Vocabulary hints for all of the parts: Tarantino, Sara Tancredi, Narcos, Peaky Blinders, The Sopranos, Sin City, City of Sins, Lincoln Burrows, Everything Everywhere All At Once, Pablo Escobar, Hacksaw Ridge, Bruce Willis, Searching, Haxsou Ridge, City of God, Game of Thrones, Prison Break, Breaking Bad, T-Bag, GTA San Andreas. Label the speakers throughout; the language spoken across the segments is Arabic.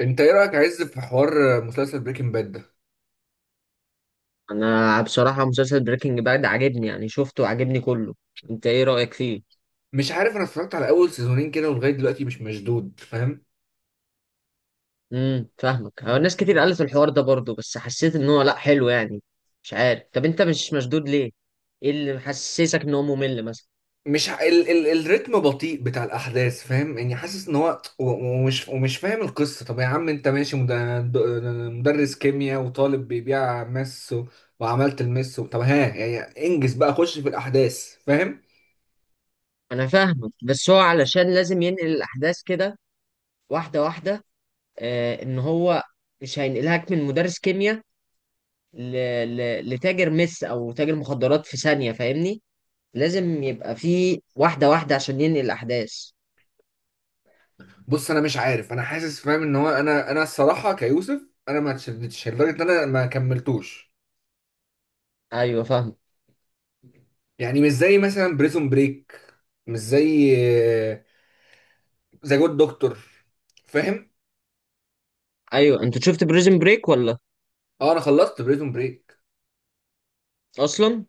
Speaker 1: انت ايه رايك يا عز في حوار مسلسل بريكنج باد ده؟
Speaker 2: انا بصراحة مسلسل بريكنج باد عاجبني يعني شفته وعاجبني كله. انت ايه رأيك فيه؟
Speaker 1: مش عارف، انا اتفرجت على اول سيزونين كده ولغايه دلوقتي مش مشدود، فاهم؟
Speaker 2: فاهمك، هو ناس كتير قالت الحوار ده برضه، بس حسيت ان هو لا حلو يعني. مش عارف، طب انت مش مشدود ليه؟ ايه اللي محسسك ان هو ممل مثلا؟
Speaker 1: مش ع... ال... ال... الريتم بطيء بتاع الاحداث، فاهم؟ يعني حاسس ان هو و... ومش ومش فاهم القصه. طب يا عم انت ماشي د- مدرس كيمياء وطالب بيبيع مس وعملت المس طب ها يعني انجز بقى، خش في الاحداث، فاهم؟
Speaker 2: انا فاهمك، بس هو علشان لازم ينقل الاحداث كده واحدة واحدة. آه، ان هو مش هينقلهاك من مدرس كيمياء ل... لتاجر مس او تاجر مخدرات في ثانية، فاهمني؟ لازم يبقى فيه واحدة واحدة عشان ينقل الاحداث.
Speaker 1: بص انا مش عارف، انا حاسس فاهم ان هو، انا الصراحه كيوسف، انا ما اتشدتش لدرجه ان انا ما كملتوش.
Speaker 2: ايوه فاهم.
Speaker 1: يعني مش زي مثلا بريزون بريك، مش زي ذا جود دكتور، فاهم؟
Speaker 2: ايوه، انت شفت بريزن بريك ولا؟
Speaker 1: اه انا خلصت بريزون بريك.
Speaker 2: اصلا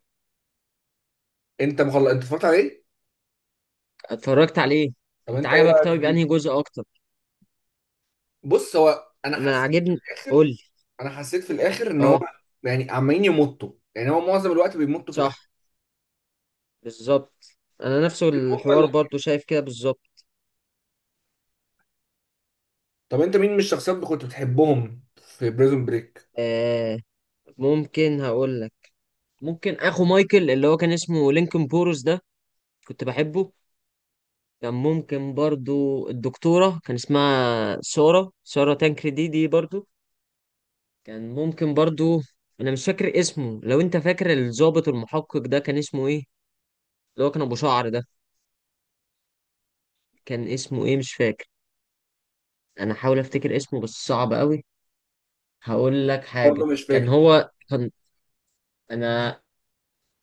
Speaker 1: انت مخلص؟ انت اتفرجت عليه؟
Speaker 2: اتفرجت عليه.
Speaker 1: طب
Speaker 2: انت
Speaker 1: انت ايه
Speaker 2: عجبك؟
Speaker 1: رايك
Speaker 2: طيب
Speaker 1: فيه؟
Speaker 2: انهي جزء اكتر؟
Speaker 1: بص هو انا
Speaker 2: انا
Speaker 1: حاسس في
Speaker 2: عاجبني.
Speaker 1: الاخر،
Speaker 2: قول لي.
Speaker 1: انا حسيت في الاخر ان هو
Speaker 2: اه.
Speaker 1: يعني عمالين يمطوا، يعني هو معظم الوقت بيمطوا في
Speaker 2: صح،
Speaker 1: الاحداث
Speaker 2: بالظبط. انا نفس الحوار
Speaker 1: المجمل.
Speaker 2: برضو شايف كده بالظبط.
Speaker 1: طب انت مين من الشخصيات اللي كنت بتحبهم في بريزون بريك؟
Speaker 2: آه، ممكن هقول لك. ممكن اخو مايكل اللي هو كان اسمه لينكن بورس ده، كنت بحبه. كان ممكن برضو الدكتورة كان اسمها سارة تانكري دي برضو، كان ممكن برضو. انا مش فاكر اسمه، لو انت فاكر، الضابط المحقق ده كان اسمه ايه؟ اللي هو كان ابو شعر ده، كان اسمه ايه مش فاكر. انا حاول افتكر اسمه بس صعب قوي. هقول لك حاجة،
Speaker 1: برضه مش
Speaker 2: كان
Speaker 1: فاكر.
Speaker 2: هو كان انا،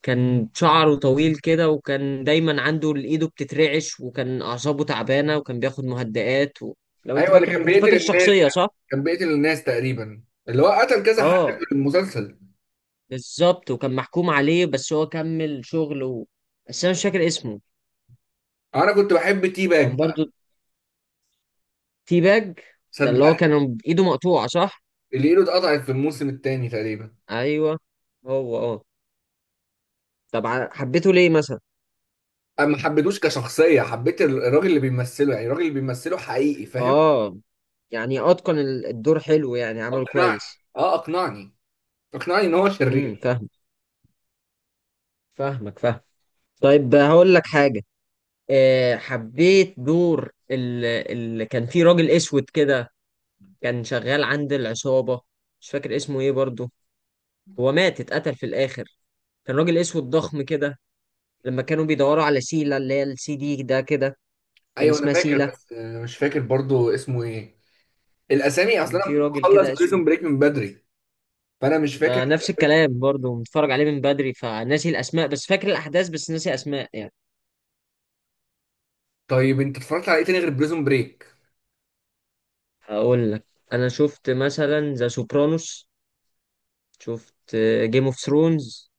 Speaker 2: كان شعره طويل كده، وكان دايما عنده ايده بتترعش، وكان اعصابه تعبانة وكان بياخد مهدئات و... لو انت
Speaker 1: ايوه اللي كان
Speaker 2: فاكر، انت
Speaker 1: بيقتل
Speaker 2: فاكر
Speaker 1: الناس،
Speaker 2: الشخصية صح؟
Speaker 1: كان بيقتل الناس تقريبا، اللي هو قتل كذا حد
Speaker 2: اه
Speaker 1: في المسلسل.
Speaker 2: بالظبط، وكان محكوم عليه بس هو كمل شغل و... بس انا مش فاكر اسمه.
Speaker 1: انا كنت بحب تي
Speaker 2: كان
Speaker 1: باك بقى.
Speaker 2: برضو تي باج ده اللي هو
Speaker 1: صدق.
Speaker 2: كان ايده مقطوعة صح؟
Speaker 1: اللي ايده اتقطعت في الموسم الثاني تقريبا.
Speaker 2: ايوه. هو اه. طب حبيته ليه مثلا؟
Speaker 1: انا ما حبيتوش كشخصيه، حبيت الراجل اللي بيمثله، يعني الراجل اللي بيمثله حقيقي، فاهم؟
Speaker 2: اه يعني اتقن الدور حلو، يعني عمل
Speaker 1: اقنعني،
Speaker 2: كويس.
Speaker 1: اه اقنعني، اقنعني ان هو شرير.
Speaker 2: فاهم. فاهمك فاهم. طيب هقول لك حاجه، أه حبيت دور اللي كان فيه راجل اسود كده، كان شغال عند العصابه. مش فاكر اسمه ايه برضو. هو مات، اتقتل في الاخر. كان راجل اسود ضخم كده، لما كانوا بيدوروا على سيلا اللي هي السي دي ده كده. كان
Speaker 1: ايوه انا
Speaker 2: اسمها
Speaker 1: فاكر
Speaker 2: سيلا.
Speaker 1: بس مش فاكر برضو اسمه ايه. الاسامي
Speaker 2: كان
Speaker 1: اصلا انا
Speaker 2: في راجل كده
Speaker 1: مخلص
Speaker 2: اسود.
Speaker 1: بريزون بريك من بدري، فانا مش فاكر.
Speaker 2: ما نفس الكلام برضو، متفرج عليه من بدري فناسي الاسماء، بس فاكر الاحداث بس ناسي اسماء يعني.
Speaker 1: طيب انت اتفرجت على ايه تاني غير بريزون بريك؟
Speaker 2: هقول لك، انا شفت مثلا ذا سوبرانوس، شفت جيم اوف ثرونز،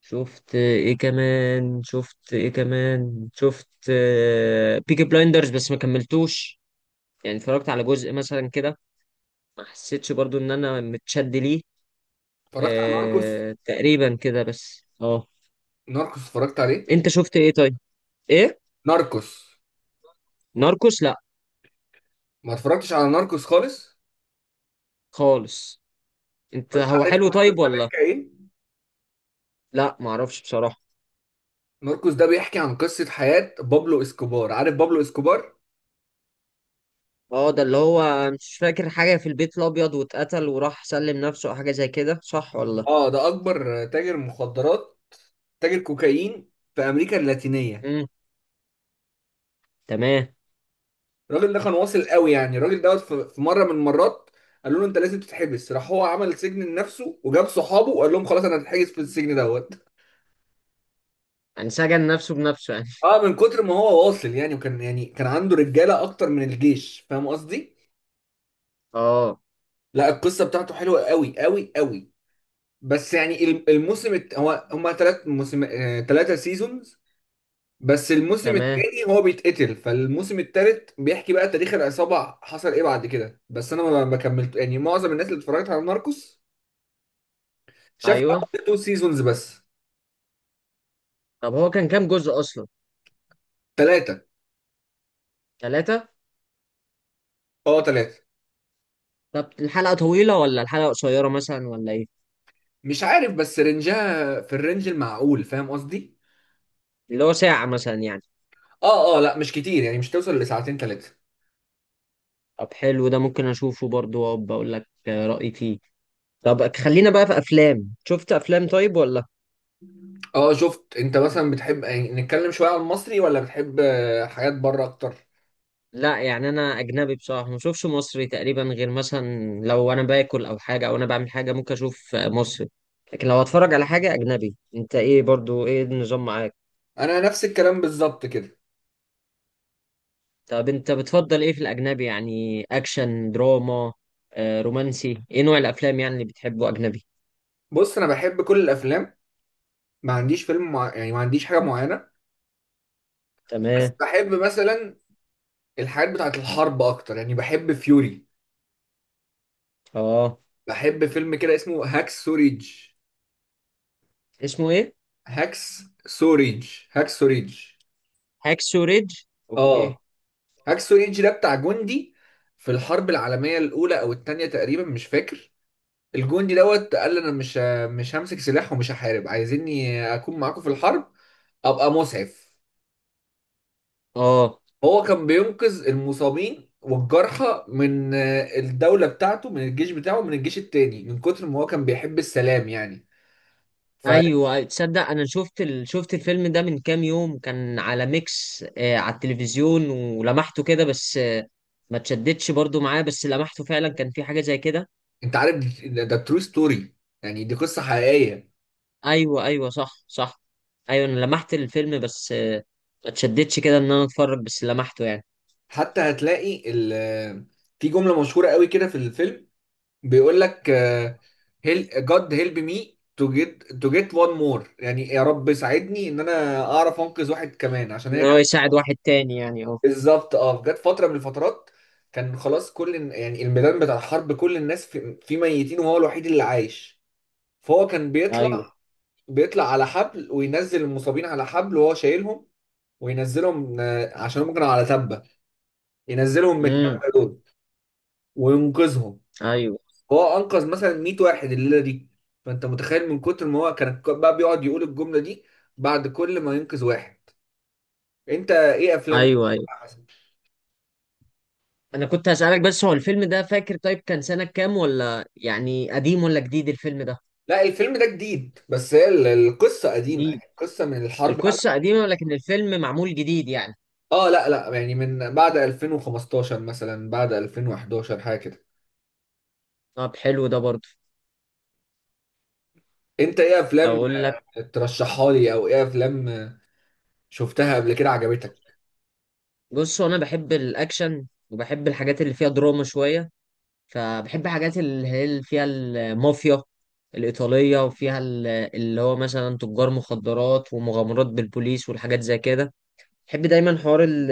Speaker 2: شفت ايه كمان، شفت ايه كمان، شفت بيكي بلايندرز بس ما كملتوش، يعني اتفرجت على جزء مثلا كده، ما حسيتش برضو ان انا متشد ليه.
Speaker 1: اتفرجت على ناركوس.
Speaker 2: آه تقريبا كده، بس اه.
Speaker 1: ناركوس اتفرجت عليه؟
Speaker 2: انت شفت ايه طيب؟ ايه؟
Speaker 1: ناركوس؟
Speaker 2: ناركوس، لا.
Speaker 1: ما اتفرجتش على ناركوس خالص.
Speaker 2: خالص. انت هو
Speaker 1: عارف
Speaker 2: حلو
Speaker 1: ناركوس
Speaker 2: طيب
Speaker 1: ده
Speaker 2: ولا؟
Speaker 1: بيحكي ايه؟
Speaker 2: لا معرفش بصراحة.
Speaker 1: ناركوس ده بيحكي عن قصه حياه بابلو اسكوبار. عارف بابلو اسكوبار؟
Speaker 2: اه، ده اللي هو مش فاكر حاجة في البيت الأبيض واتقتل وراح سلم نفسه أو حاجة زي كده، صح ولا؟
Speaker 1: اه ده اكبر تاجر مخدرات، تاجر كوكايين في امريكا اللاتينيه.
Speaker 2: امم تمام.
Speaker 1: الراجل ده كان واصل قوي، يعني الراجل دوت في مره من المرات قالوا له انت لازم تتحبس، راح هو عمل سجن لنفسه وجاب صحابه وقال لهم خلاص انا هتحجز في السجن دوت.
Speaker 2: يعني سجن نفسه بنفسه يعني؟
Speaker 1: اه من كتر ما هو واصل، يعني وكان يعني كان عنده رجاله اكتر من الجيش، فاهم قصدي؟
Speaker 2: اه
Speaker 1: لا القصه بتاعته حلوه قوي قوي قوي. بس يعني هو هما ثلاث موسم، ثلاثه سيزونز. بس الموسم
Speaker 2: تمام.
Speaker 1: التاني هو بيتقتل، فالموسم التالت بيحكي بقى تاريخ العصابة حصل ايه بعد كده. بس انا ما كملت، يعني معظم الناس اللي اتفرجت على ناركوس شاف
Speaker 2: أيوه.
Speaker 1: اول تو سيزونز بس.
Speaker 2: طب هو كان كام جزء أصلا؟
Speaker 1: ثلاثة.
Speaker 2: 3؟
Speaker 1: اه ثلاثة.
Speaker 2: طب الحلقة طويلة ولا الحلقة قصيرة مثلا، ولا إيه؟
Speaker 1: مش عارف، بس رنجها في الرنج المعقول، فاهم قصدي؟
Speaker 2: اللي هو ساعة مثلا يعني؟
Speaker 1: اه اه، لا مش كتير يعني، مش توصل لساعتين ثلاثة.
Speaker 2: طب حلو، ده ممكن أشوفه برضه وأبقى أقول لك آه، رأيي فيه. طب خلينا بقى في أفلام. شفت أفلام طيب ولا؟
Speaker 1: اه شفت. انت مثلا بتحب، يعني نتكلم شوية عن المصري، ولا بتحب حاجات بره اكتر؟
Speaker 2: لا يعني انا اجنبي بصراحه، ما بشوفش مصري تقريبا، غير مثلا لو انا باكل او حاجه، او انا بعمل حاجه ممكن اشوف مصري. لكن لو اتفرج على حاجه اجنبي. انت ايه برضو، ايه النظام معاك؟
Speaker 1: انا نفس الكلام بالظبط كده.
Speaker 2: طب انت بتفضل ايه في الاجنبي؟ يعني اكشن، دراما، آه، رومانسي، ايه نوع الافلام يعني اللي بتحبه اجنبي؟
Speaker 1: بص انا بحب كل الافلام، ما عنديش يعني ما عنديش حاجة معينة. بس
Speaker 2: تمام.
Speaker 1: بحب مثلا الحاجات بتاعت الحرب اكتر، يعني بحب فيوري،
Speaker 2: اه.
Speaker 1: بحب فيلم كده اسمه هاكس سوريج،
Speaker 2: اسمه ايه؟
Speaker 1: هاكس سوريج هاكس سوريج.
Speaker 2: هاكسو ريدج. اوكي.
Speaker 1: اه هاكس سوريج ده بتاع جندي في الحرب العالميه الاولى او الثانيه تقريبا، مش فاكر. الجندي دوت قال انا مش همسك سلاح ومش هحارب، عايزيني اكون معاكم في الحرب ابقى مسعف.
Speaker 2: اه.
Speaker 1: هو كان بينقذ المصابين والجرحى من الدولة بتاعته، من الجيش بتاعه من الجيش التاني، من كتر ما هو كان بيحب السلام يعني. فانت
Speaker 2: ايوه تصدق، انا شفت شفت الفيلم ده من كام يوم، كان على ميكس آه، على التلفزيون، ولمحته كده بس آه، ما تشدتش برضو معاه، بس لمحته فعلا كان في حاجه زي كده.
Speaker 1: عارف، ده ترو ستوري، يعني دي قصة حقيقية.
Speaker 2: ايوه ايوه، صح صح. ايوه انا لمحت الفيلم، بس آه ما تشدتش كده ان انا اتفرج، بس لمحته يعني.
Speaker 1: حتى هتلاقي ال آه، في جملة مشهورة قوي كده في الفيلم، بيقول لك God help me to get one more، يعني يا رب ساعدني ان انا اعرف انقذ واحد كمان عشان
Speaker 2: ان
Speaker 1: هي.
Speaker 2: هو يساعد واحد تاني يعني اه.
Speaker 1: بالظبط اه. جت فتره من الفترات كان خلاص يعني الميدان بتاع الحرب كل الناس فيه ميتين وهو الوحيد اللي عايش. فهو كان بيطلع،
Speaker 2: ايوه.
Speaker 1: بيطلع على حبل وينزل المصابين على حبل وهو شايلهم، وينزلهم عشان هم كانوا على تبه، ينزلهم من
Speaker 2: امم
Speaker 1: التبه دول وينقذهم.
Speaker 2: ايوه
Speaker 1: هو انقذ مثلا 100 واحد الليله دي، فانت متخيل من كتر ما هو كان بقى بيقعد يقول الجمله دي بعد كل ما ينقذ واحد. انت ايه افلام؟
Speaker 2: ايوه ايوه. انا كنت هسألك بس، هو الفيلم ده فاكر طيب كان سنه كام؟ ولا يعني قديم ولا جديد الفيلم ده؟
Speaker 1: لا الفيلم ده جديد، بس هي القصة قديمة،
Speaker 2: جديد.
Speaker 1: يعني القصة من الحرب على.
Speaker 2: القصة قديمة لكن الفيلم معمول جديد يعني.
Speaker 1: اه لا لا، يعني من بعد 2015 مثلا، بعد 2011 حاجة كده.
Speaker 2: طب حلو ده برضه.
Speaker 1: انت ايه افلام
Speaker 2: أقول لك.
Speaker 1: ترشحها لي او ايه افلام شفتها قبل كده عجبتك؟
Speaker 2: بص هو أنا بحب الأكشن، وبحب الحاجات اللي فيها دراما شوية، فبحب حاجات اللي هي اللي فيها المافيا الإيطالية، وفيها اللي هو مثلا تجار مخدرات ومغامرات بالبوليس والحاجات زي كده. بحب دايما حوار ال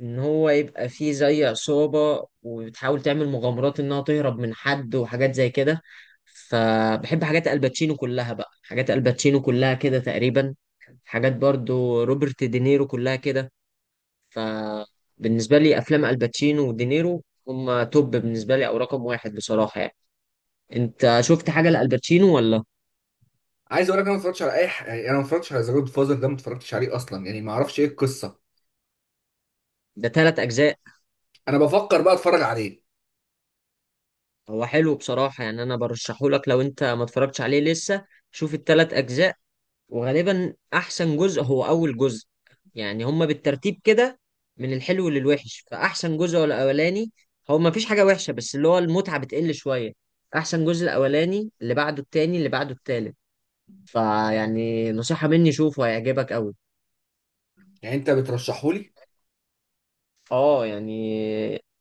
Speaker 2: ان هو يبقى فيه زي عصابة، وبتحاول تعمل مغامرات انها تهرب من حد وحاجات زي كده. فبحب حاجات الباتشينو كلها بقى، حاجات الباتشينو كلها كده تقريبا، حاجات برضو روبرت دينيرو كلها كده. فبالنسبة لي افلام الباتشينو ودينيرو هما توب بالنسبة لي، او رقم واحد بصراحة يعني. انت شفت حاجة لالباتشينو ولا؟
Speaker 1: عايز اقول لك، انا ما اتفرجتش على يعني انا ما اتفرجتش على ذا جود فازر ده، ما اتفرجتش عليه اصلا، يعني ما اعرفش ايه القصة.
Speaker 2: ده 3 اجزاء.
Speaker 1: انا بفكر بقى اتفرج عليه.
Speaker 2: هو حلو بصراحة يعني، انا برشحهولك لو انت ما اتفرجتش عليه لسه. شوف ال3 اجزاء، وغالبا احسن جزء هو اول جزء، يعني هما بالترتيب كده من الحلو للوحش، فاحسن جزء هو الاولاني. هو ما فيش حاجه وحشه، بس اللي هو المتعه بتقل شويه. احسن جزء الاولاني، اللي بعده التاني، اللي بعده التالت. فيعني نصيحه مني، شوفه هيعجبك قوي.
Speaker 1: يعني انت بترشحه لي؟
Speaker 2: اه يعني،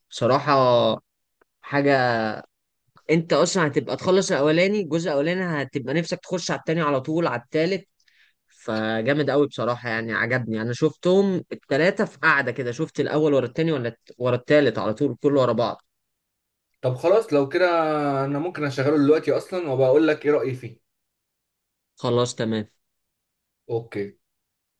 Speaker 2: بصراحه حاجه، انت اصلا هتبقى تخلص الاولاني، الجزء الاولاني هتبقى نفسك تخش على التاني على طول، على التالت. فجامد قوي بصراحة يعني، عجبني، أنا شفتهم التلاتة في قعدة كده، شفت الأول ورا التاني ولا ورا التالت على طول كله ورا بعض.
Speaker 1: طب خلاص لو كده انا ممكن اشغله دلوقتي اصلا وبقول لك ايه رأيي فيه.
Speaker 2: خلاص تمام.
Speaker 1: اوكي.